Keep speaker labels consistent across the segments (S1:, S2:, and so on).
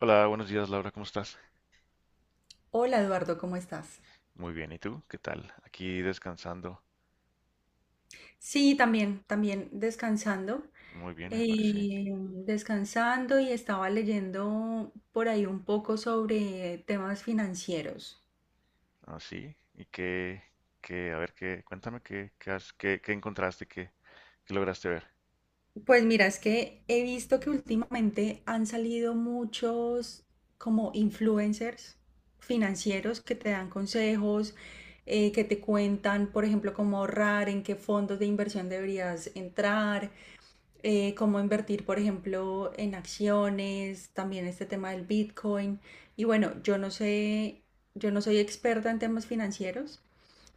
S1: Hola, buenos días Laura, ¿cómo estás?
S2: Hola Eduardo, ¿cómo estás?
S1: Muy bien, ¿y tú? ¿Qué tal? Aquí descansando.
S2: Sí, también
S1: Muy bien, me parece.
S2: eh, descansando y estaba leyendo por ahí un poco sobre temas financieros.
S1: Así. ¿Y qué, a ver, cuéntame qué has, qué encontraste, qué lograste ver?
S2: Pues mira, es que he visto que últimamente han salido muchos como influencers financieros que te dan consejos, que te cuentan, por ejemplo, cómo ahorrar, en qué fondos de inversión deberías entrar. Cómo invertir, por ejemplo, en acciones, también este tema del Bitcoin. Y bueno, yo no sé, yo no soy experta en temas financieros,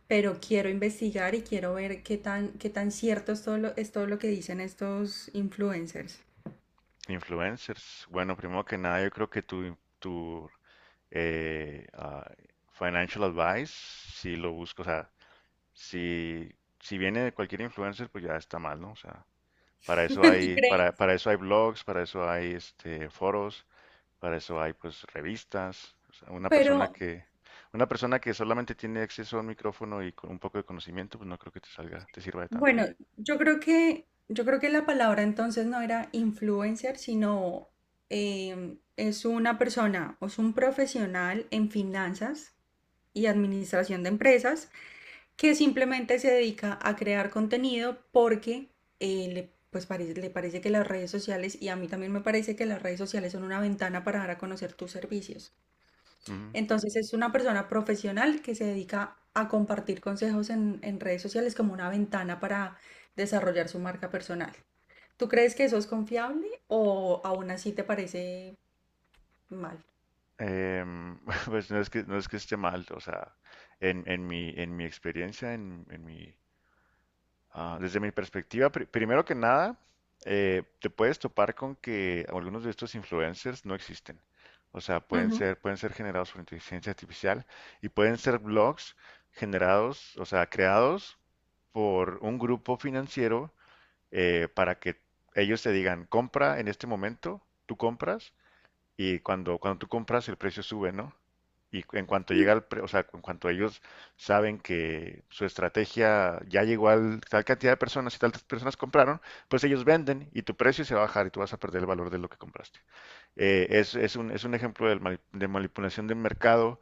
S2: pero quiero investigar y quiero ver qué tan cierto es todo lo que dicen estos influencers.
S1: Influencers. Bueno, primero que nada, yo creo que tu eh, ah, financial advice, si lo busco, o sea, si, si viene de cualquier influencer, pues ya está mal, ¿no? O sea, para eso
S2: ¿Tú
S1: hay,
S2: crees?
S1: para, para eso hay blogs, para eso hay este, foros. Para eso hay pues revistas. O sea, una
S2: Pero
S1: persona que, una persona que solamente tiene acceso a un micrófono y con un poco de conocimiento, pues no creo que te sirva de tanto,
S2: bueno,
S1: ¿no?
S2: yo creo que la palabra entonces no era influencer, sino es una persona o es un profesional en finanzas y administración de empresas que simplemente se dedica a crear contenido porque le parece que las redes sociales, y a mí también me parece que las redes sociales son una ventana para dar a conocer tus servicios.
S1: Ujú.
S2: Entonces es una persona profesional que se dedica a compartir consejos en redes sociales como una ventana para desarrollar su marca personal. ¿Tú crees que eso es confiable o aún así te parece mal?
S1: Em, pues no es que esté mal, o sea, en mi experiencia. Desde mi perspectiva, primero que nada, te puedes topar con que algunos de estos influencers no existen. O sea, pueden
S2: Ujú,
S1: ser, pueden ser generados por inteligencia artificial y pueden ser blogs generados, o sea, creados por un grupo financiero para que ellos te digan, compra en este momento, tú compras y cuando tú compras, el precio sube, ¿no? Y en cuanto
S2: ujú,
S1: llega al o sea, en cuanto ellos saben que su estrategia ya llegó a tal cantidad de personas y tantas personas compraron, pues ellos venden y tu precio se va a bajar y tú vas a perder el valor de lo que compraste. Es un ejemplo de manipulación del mercado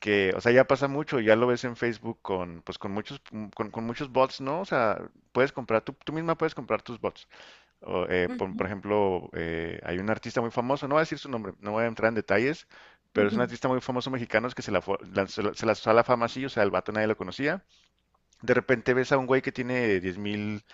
S1: que, o sea, ya pasa mucho, ya lo ves en Facebook con, pues, con muchos bots, ¿no? O sea, tú misma puedes comprar tus bots. Por
S2: ujú,
S1: ejemplo, hay un artista muy famoso, no voy a decir su nombre, no voy a entrar en detalles, pero es un
S2: ujú.
S1: artista muy famoso mexicano es que se la, fue- la- se lanzó a la fama así, o sea, el vato nadie lo conocía. De repente ves a un güey que tiene 10,000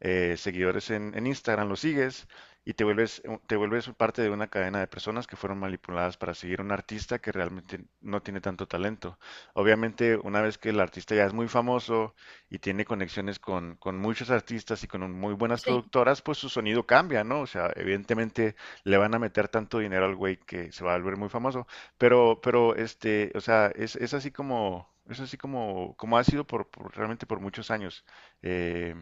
S1: seguidores en Instagram, los sigues y te vuelves parte de una cadena de personas que fueron manipuladas para seguir a un artista que realmente no tiene tanto talento. Obviamente, una vez que el artista ya es muy famoso y tiene conexiones con muchos artistas y con muy buenas
S2: Sí,
S1: productoras, pues su sonido cambia, ¿no? O sea, evidentemente le van a meter tanto dinero al güey que se va a volver muy famoso. Pero, este, o sea, es así como, como ha sido realmente por muchos años. Eh,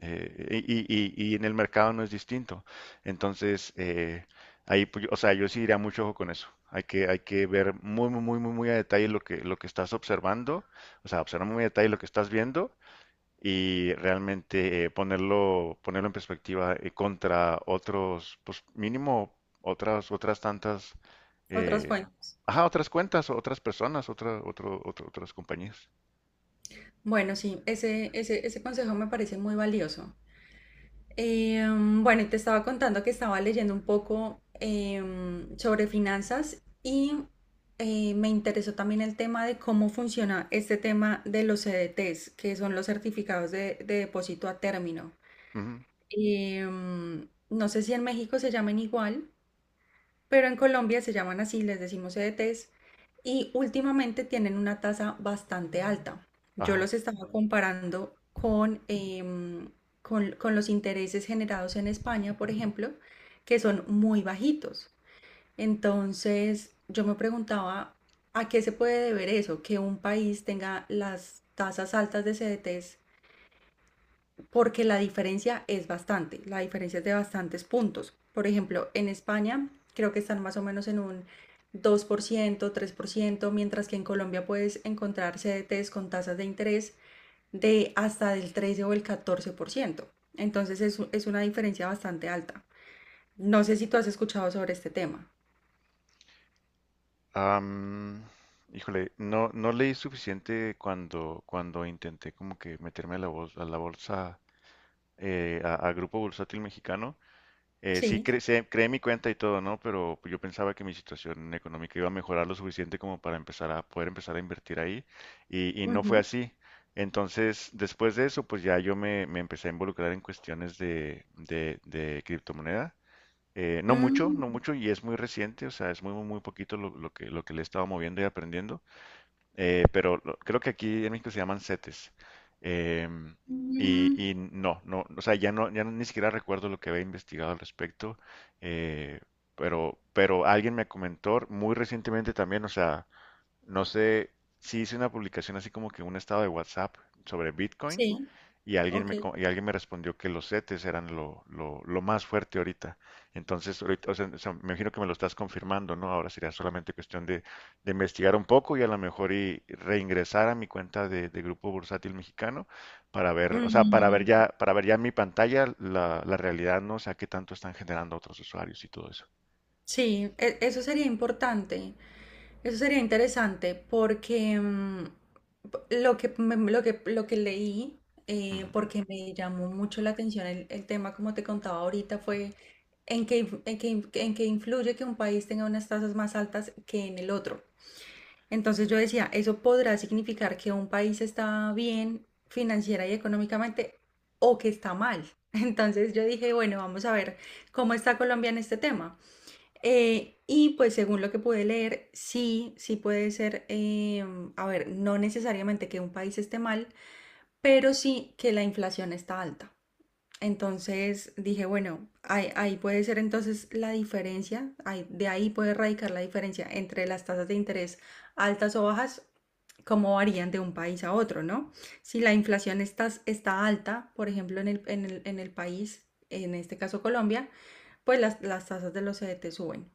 S1: y en el mercado no es distinto. Entonces, ahí, pues, o sea, yo sí diría mucho ojo con eso. Hay que ver muy, muy, muy, muy, muy a detalle lo que estás observando, o sea, observar muy a detalle lo que estás viendo y realmente ponerlo en perspectiva contra otros, pues mínimo otras tantas,
S2: otras
S1: eh,
S2: fuentes.
S1: ajá, otras cuentas, otras personas, otras compañías.
S2: Bueno, sí, ese consejo me parece muy valioso. Bueno, y te estaba contando que estaba leyendo un poco sobre finanzas y me interesó también el tema de cómo funciona este tema de los CDTs, que son los certificados de depósito a término.
S1: Ujú,
S2: No sé si en México se llamen igual, pero en Colombia se llaman así, les decimos EDTs, y últimamente tienen una tasa bastante alta. Yo
S1: ajá.
S2: los estaba comparando con los intereses generados en España, por ejemplo, que son muy bajitos. Entonces, yo me preguntaba, ¿a qué se puede deber eso? Que un país tenga las tasas altas de CDTs porque la diferencia es bastante, la diferencia es de bastantes puntos. Por ejemplo, en España creo que están más o menos en un 2%, 3%, mientras que en Colombia puedes encontrar CDTs con tasas de interés de hasta del 13 o el 14%. Entonces es una diferencia bastante alta. No sé si tú has escuchado sobre este tema.
S1: Am, Híjole, no leí suficiente cuando, cuando intenté como que meterme a la bolsa, a Grupo Bursátil Mexicano. Sí,
S2: Sí.
S1: creé mi cuenta y todo, ¿no? Pero yo pensaba que mi situación económica iba a mejorar lo suficiente como para empezar a poder empezar a invertir ahí. Y no fue
S2: Ujú.
S1: así. Entonces, después de eso, pues ya yo me empecé a involucrar en cuestiones de criptomoneda. No mucho,
S2: Mm,
S1: no mucho, y es muy reciente, o sea, es muy, muy, muy poquito lo que le he estado moviendo y aprendiendo, pero creo que aquí en México se llaman CETES. em, y,
S2: mm,
S1: y no, no, o sea, ya no, ya ni siquiera recuerdo lo que había investigado al respecto, eh, pero alguien me comentó muy recientemente también, o sea, no sé, si hice una publicación así como que un estado de WhatsApp sobre Bitcoin
S2: sí,
S1: y alguien
S2: ok.
S1: me, co- y alguien me respondió que los CETES eran lo más fuerte ahorita. Entonces, ahorita, o sea, me imagino que me lo estás confirmando, ¿no? Ahora sería solamente cuestión de investigar un poco y a lo mejor y reingresar a mi cuenta de Grupo Bursátil Mexicano para ver, o sea, para ver
S2: Mm,
S1: ya, para ver ya en mi pantalla la realidad, ¿no? O sea, qué tanto están generando otros usuarios y todo eso.
S2: sí, eso sería importante. Eso sería interesante porque lo que leí,
S1: Ujú.
S2: porque me llamó mucho la atención el tema, como te contaba ahorita, fue en que influye que un país tenga unas tasas más altas que en el otro. Entonces yo decía, ¿eso podrá significar que un país está bien financiera y económicamente o que está mal? Entonces yo dije, bueno, vamos a ver cómo está Colombia en este tema. Y pues según lo que pude leer, sí, sí puede ser, a ver, no necesariamente que un país esté mal, pero sí que la inflación está alta. Entonces dije, bueno, ahí puede ser entonces la diferencia, de ahí puede radicar la diferencia entre las tasas de interés altas o bajas, cómo varían de un país a otro, ¿no? Si la inflación está alta, por ejemplo, en el país, en este caso Colombia, pues las tasas de los CDT suben.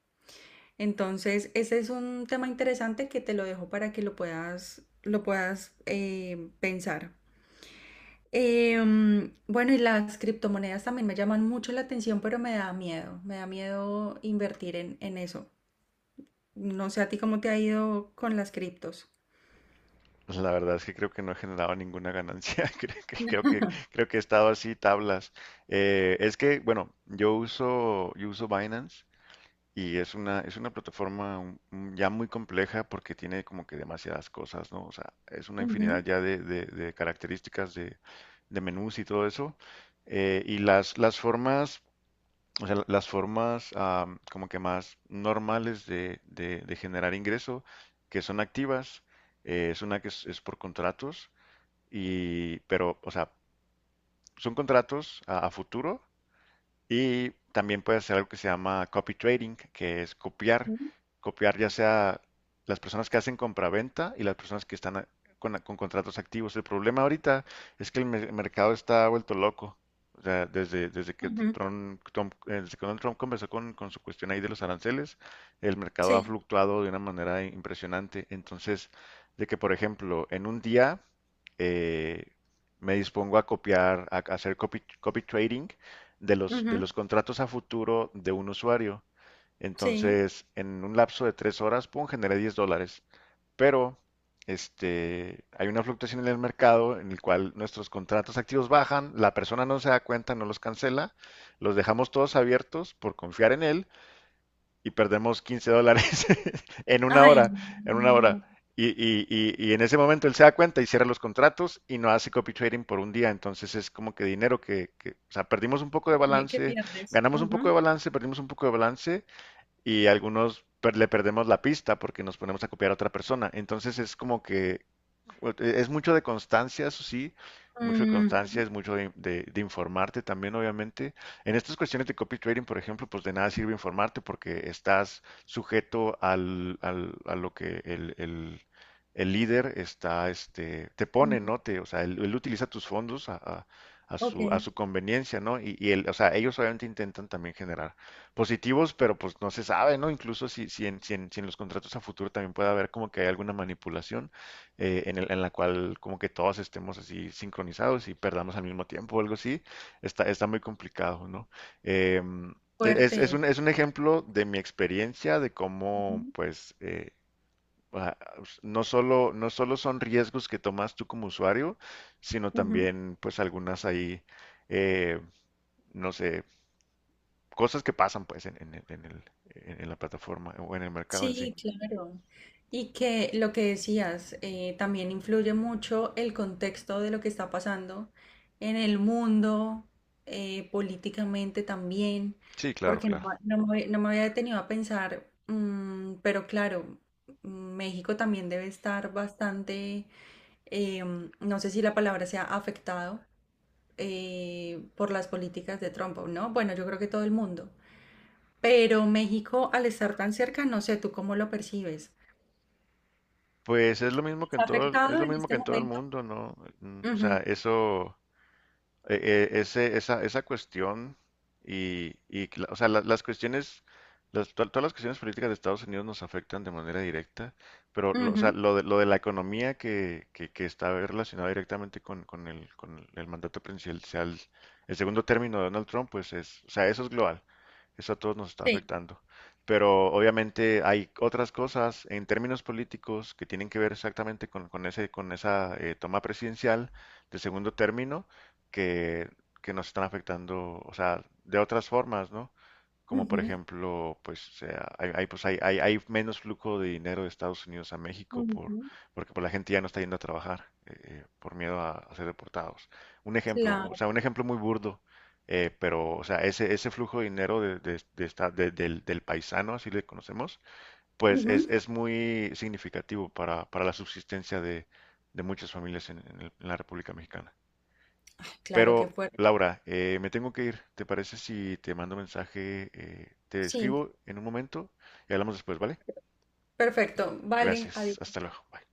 S2: Entonces, ese es un tema interesante que te lo dejo para que lo puedas pensar. Bueno, y las criptomonedas también me llaman mucho la atención, pero me da miedo. Me da miedo invertir en eso. No sé a ti cómo te ha ido con las criptos.
S1: La verdad es que creo que no he generado ninguna ganancia. Creo que he estado así tablas. Es que, bueno, yo uso Binance y es una plataforma ya muy compleja porque tiene como que demasiadas cosas, ¿no? O sea, es una
S2: Ujú,
S1: infinidad ya de características de menús y todo eso. Y las formas o sea, las formas am, como que más normales de generar ingreso, que son activas, es una que es por contratos, pero, o sea, son contratos a futuro y también puedes hacer algo que se llama copy trading, que es copiar,
S2: ujú,
S1: copiar ya sea las personas que hacen compraventa y las personas que están con contratos activos. El problema ahorita es que el mercado está vuelto loco. O sea, desde, desde que
S2: ujú,
S1: Trump, Trump- eh, desde que Donald Trump conversó con su cuestión ahí de los aranceles, el mercado ha
S2: sí,
S1: fluctuado de una manera impresionante. Entonces, de que, por ejemplo, en un día eh, me dispongo a copiar, a hacer copy, copy trading de los, de
S2: ujú,
S1: los contratos a futuro de un usuario.
S2: sí.
S1: Entonces, en un lapso de 3 horas, pum, generé $10. Pero este, hay una fluctuación en el mercado en el cual nuestros contratos activos bajan, la persona no se da cuenta, no los cancela, los dejamos todos abiertos por confiar en él y perdemos $15 en una
S2: Ay,
S1: hora, en una hora.
S2: no,
S1: Y en ese momento él se da cuenta y cierra los contratos y no hace copy trading por un día. Entonces es como que dinero o sea, perdimos un poco de
S2: ¿qué
S1: balance,
S2: pierdes?
S1: ganamos un poco
S2: Ujú.
S1: de balance, perdimos un poco de balance y algunos le perdemos la pista porque nos ponemos a copiar a otra persona. Entonces es como que bueno, es mucho de constancia, eso sí, es mucho de
S2: Mm,
S1: constancia, es mucho de informarte también, obviamente. En estas cuestiones de copy trading, por ejemplo, pues de nada sirve informarte porque estás sujeto a lo que el líder está, este, te pone,
S2: ujú,
S1: ¿no? O sea, él utiliza tus fondos a, a- a
S2: ok,
S1: su, a su conveniencia, ¿no? Y él, o sea, ellos obviamente intentan también generar positivos, pero pues no se sabe, ¿no? Incluso si en los contratos a futuro también puede haber como que hay alguna manipulación en la cual como que todos estemos así sincronizados y perdamos al mismo tiempo o algo así, está muy complicado, ¿no? Em, e, es, es
S2: fuerte.
S1: un, es un ejemplo de mi experiencia de cómo,
S2: Ujú,
S1: pues, ah, no solo, no solo son riesgos que tomas tú como usuario, sino
S2: ujú.
S1: también, pues, algunas ahí, eh, no sé, cosas que pasan, pues, en la plataforma o en el mercado en sí.
S2: Sí, claro. Y que lo que decías, también influye mucho el contexto de lo que está pasando en el mundo, políticamente también,
S1: Sí, claro,
S2: porque no,
S1: claro.
S2: no me había detenido a pensar, pero claro, México también debe estar bastante, no sé si la palabra sea afectado por las políticas de Trump, o ¿no? Bueno, yo creo que todo el mundo. Pero México, al estar tan cerca, no sé, ¿tú cómo lo percibes?
S1: Pues es lo mismo que en
S2: Está
S1: todo, es
S2: afectado
S1: lo
S2: en
S1: mismo que
S2: este
S1: en todo el
S2: momento.
S1: mundo, ¿no? Mm. O sea,
S2: Ujú,
S1: eso, eh, esa cuestión o sea, la- las cuestiones, todas las cuestiones políticas de Estados Unidos nos afectan de manera directa, pero o sea,
S2: ujú,
S1: lo de la economía que está relacionada directamente con el mandato presidencial, el segundo término de Donald Trump, pues o sea, eso es global, eso a todos nos está
S2: sí,
S1: afectando. Pero obviamente hay otras cosas en términos políticos que tienen que ver exactamente con esa toma presidencial de segundo término que, que nos están afectando, o sea, de otras formas, ¿no? Como por
S2: ujú,
S1: ejemplo, pues, pues hay menos flujo de dinero de Estados Unidos a México por,
S2: ujú,
S1: porque pues, la gente ya no está yendo a trabajar por miedo a ser deportados. Un ejemplo, o
S2: claro.
S1: sea, un ejemplo muy burdo, pero, o sea, ese flujo de dinero de esta- de- del, del paisano, así le conocemos, pues es,
S2: Ujú,
S1: es muy significativo para la subsistencia de muchas familias en la República Mexicana.
S2: claro, qué
S1: Pero,
S2: fuerte.
S1: Laura, me tengo que ir. ¿Te parece si te mando mensaje, te
S2: Sí,
S1: escribo en un momento y hablamos después, vale?
S2: perfecto. Vale,
S1: Gracias.
S2: adiós.
S1: Hasta luego. Bye.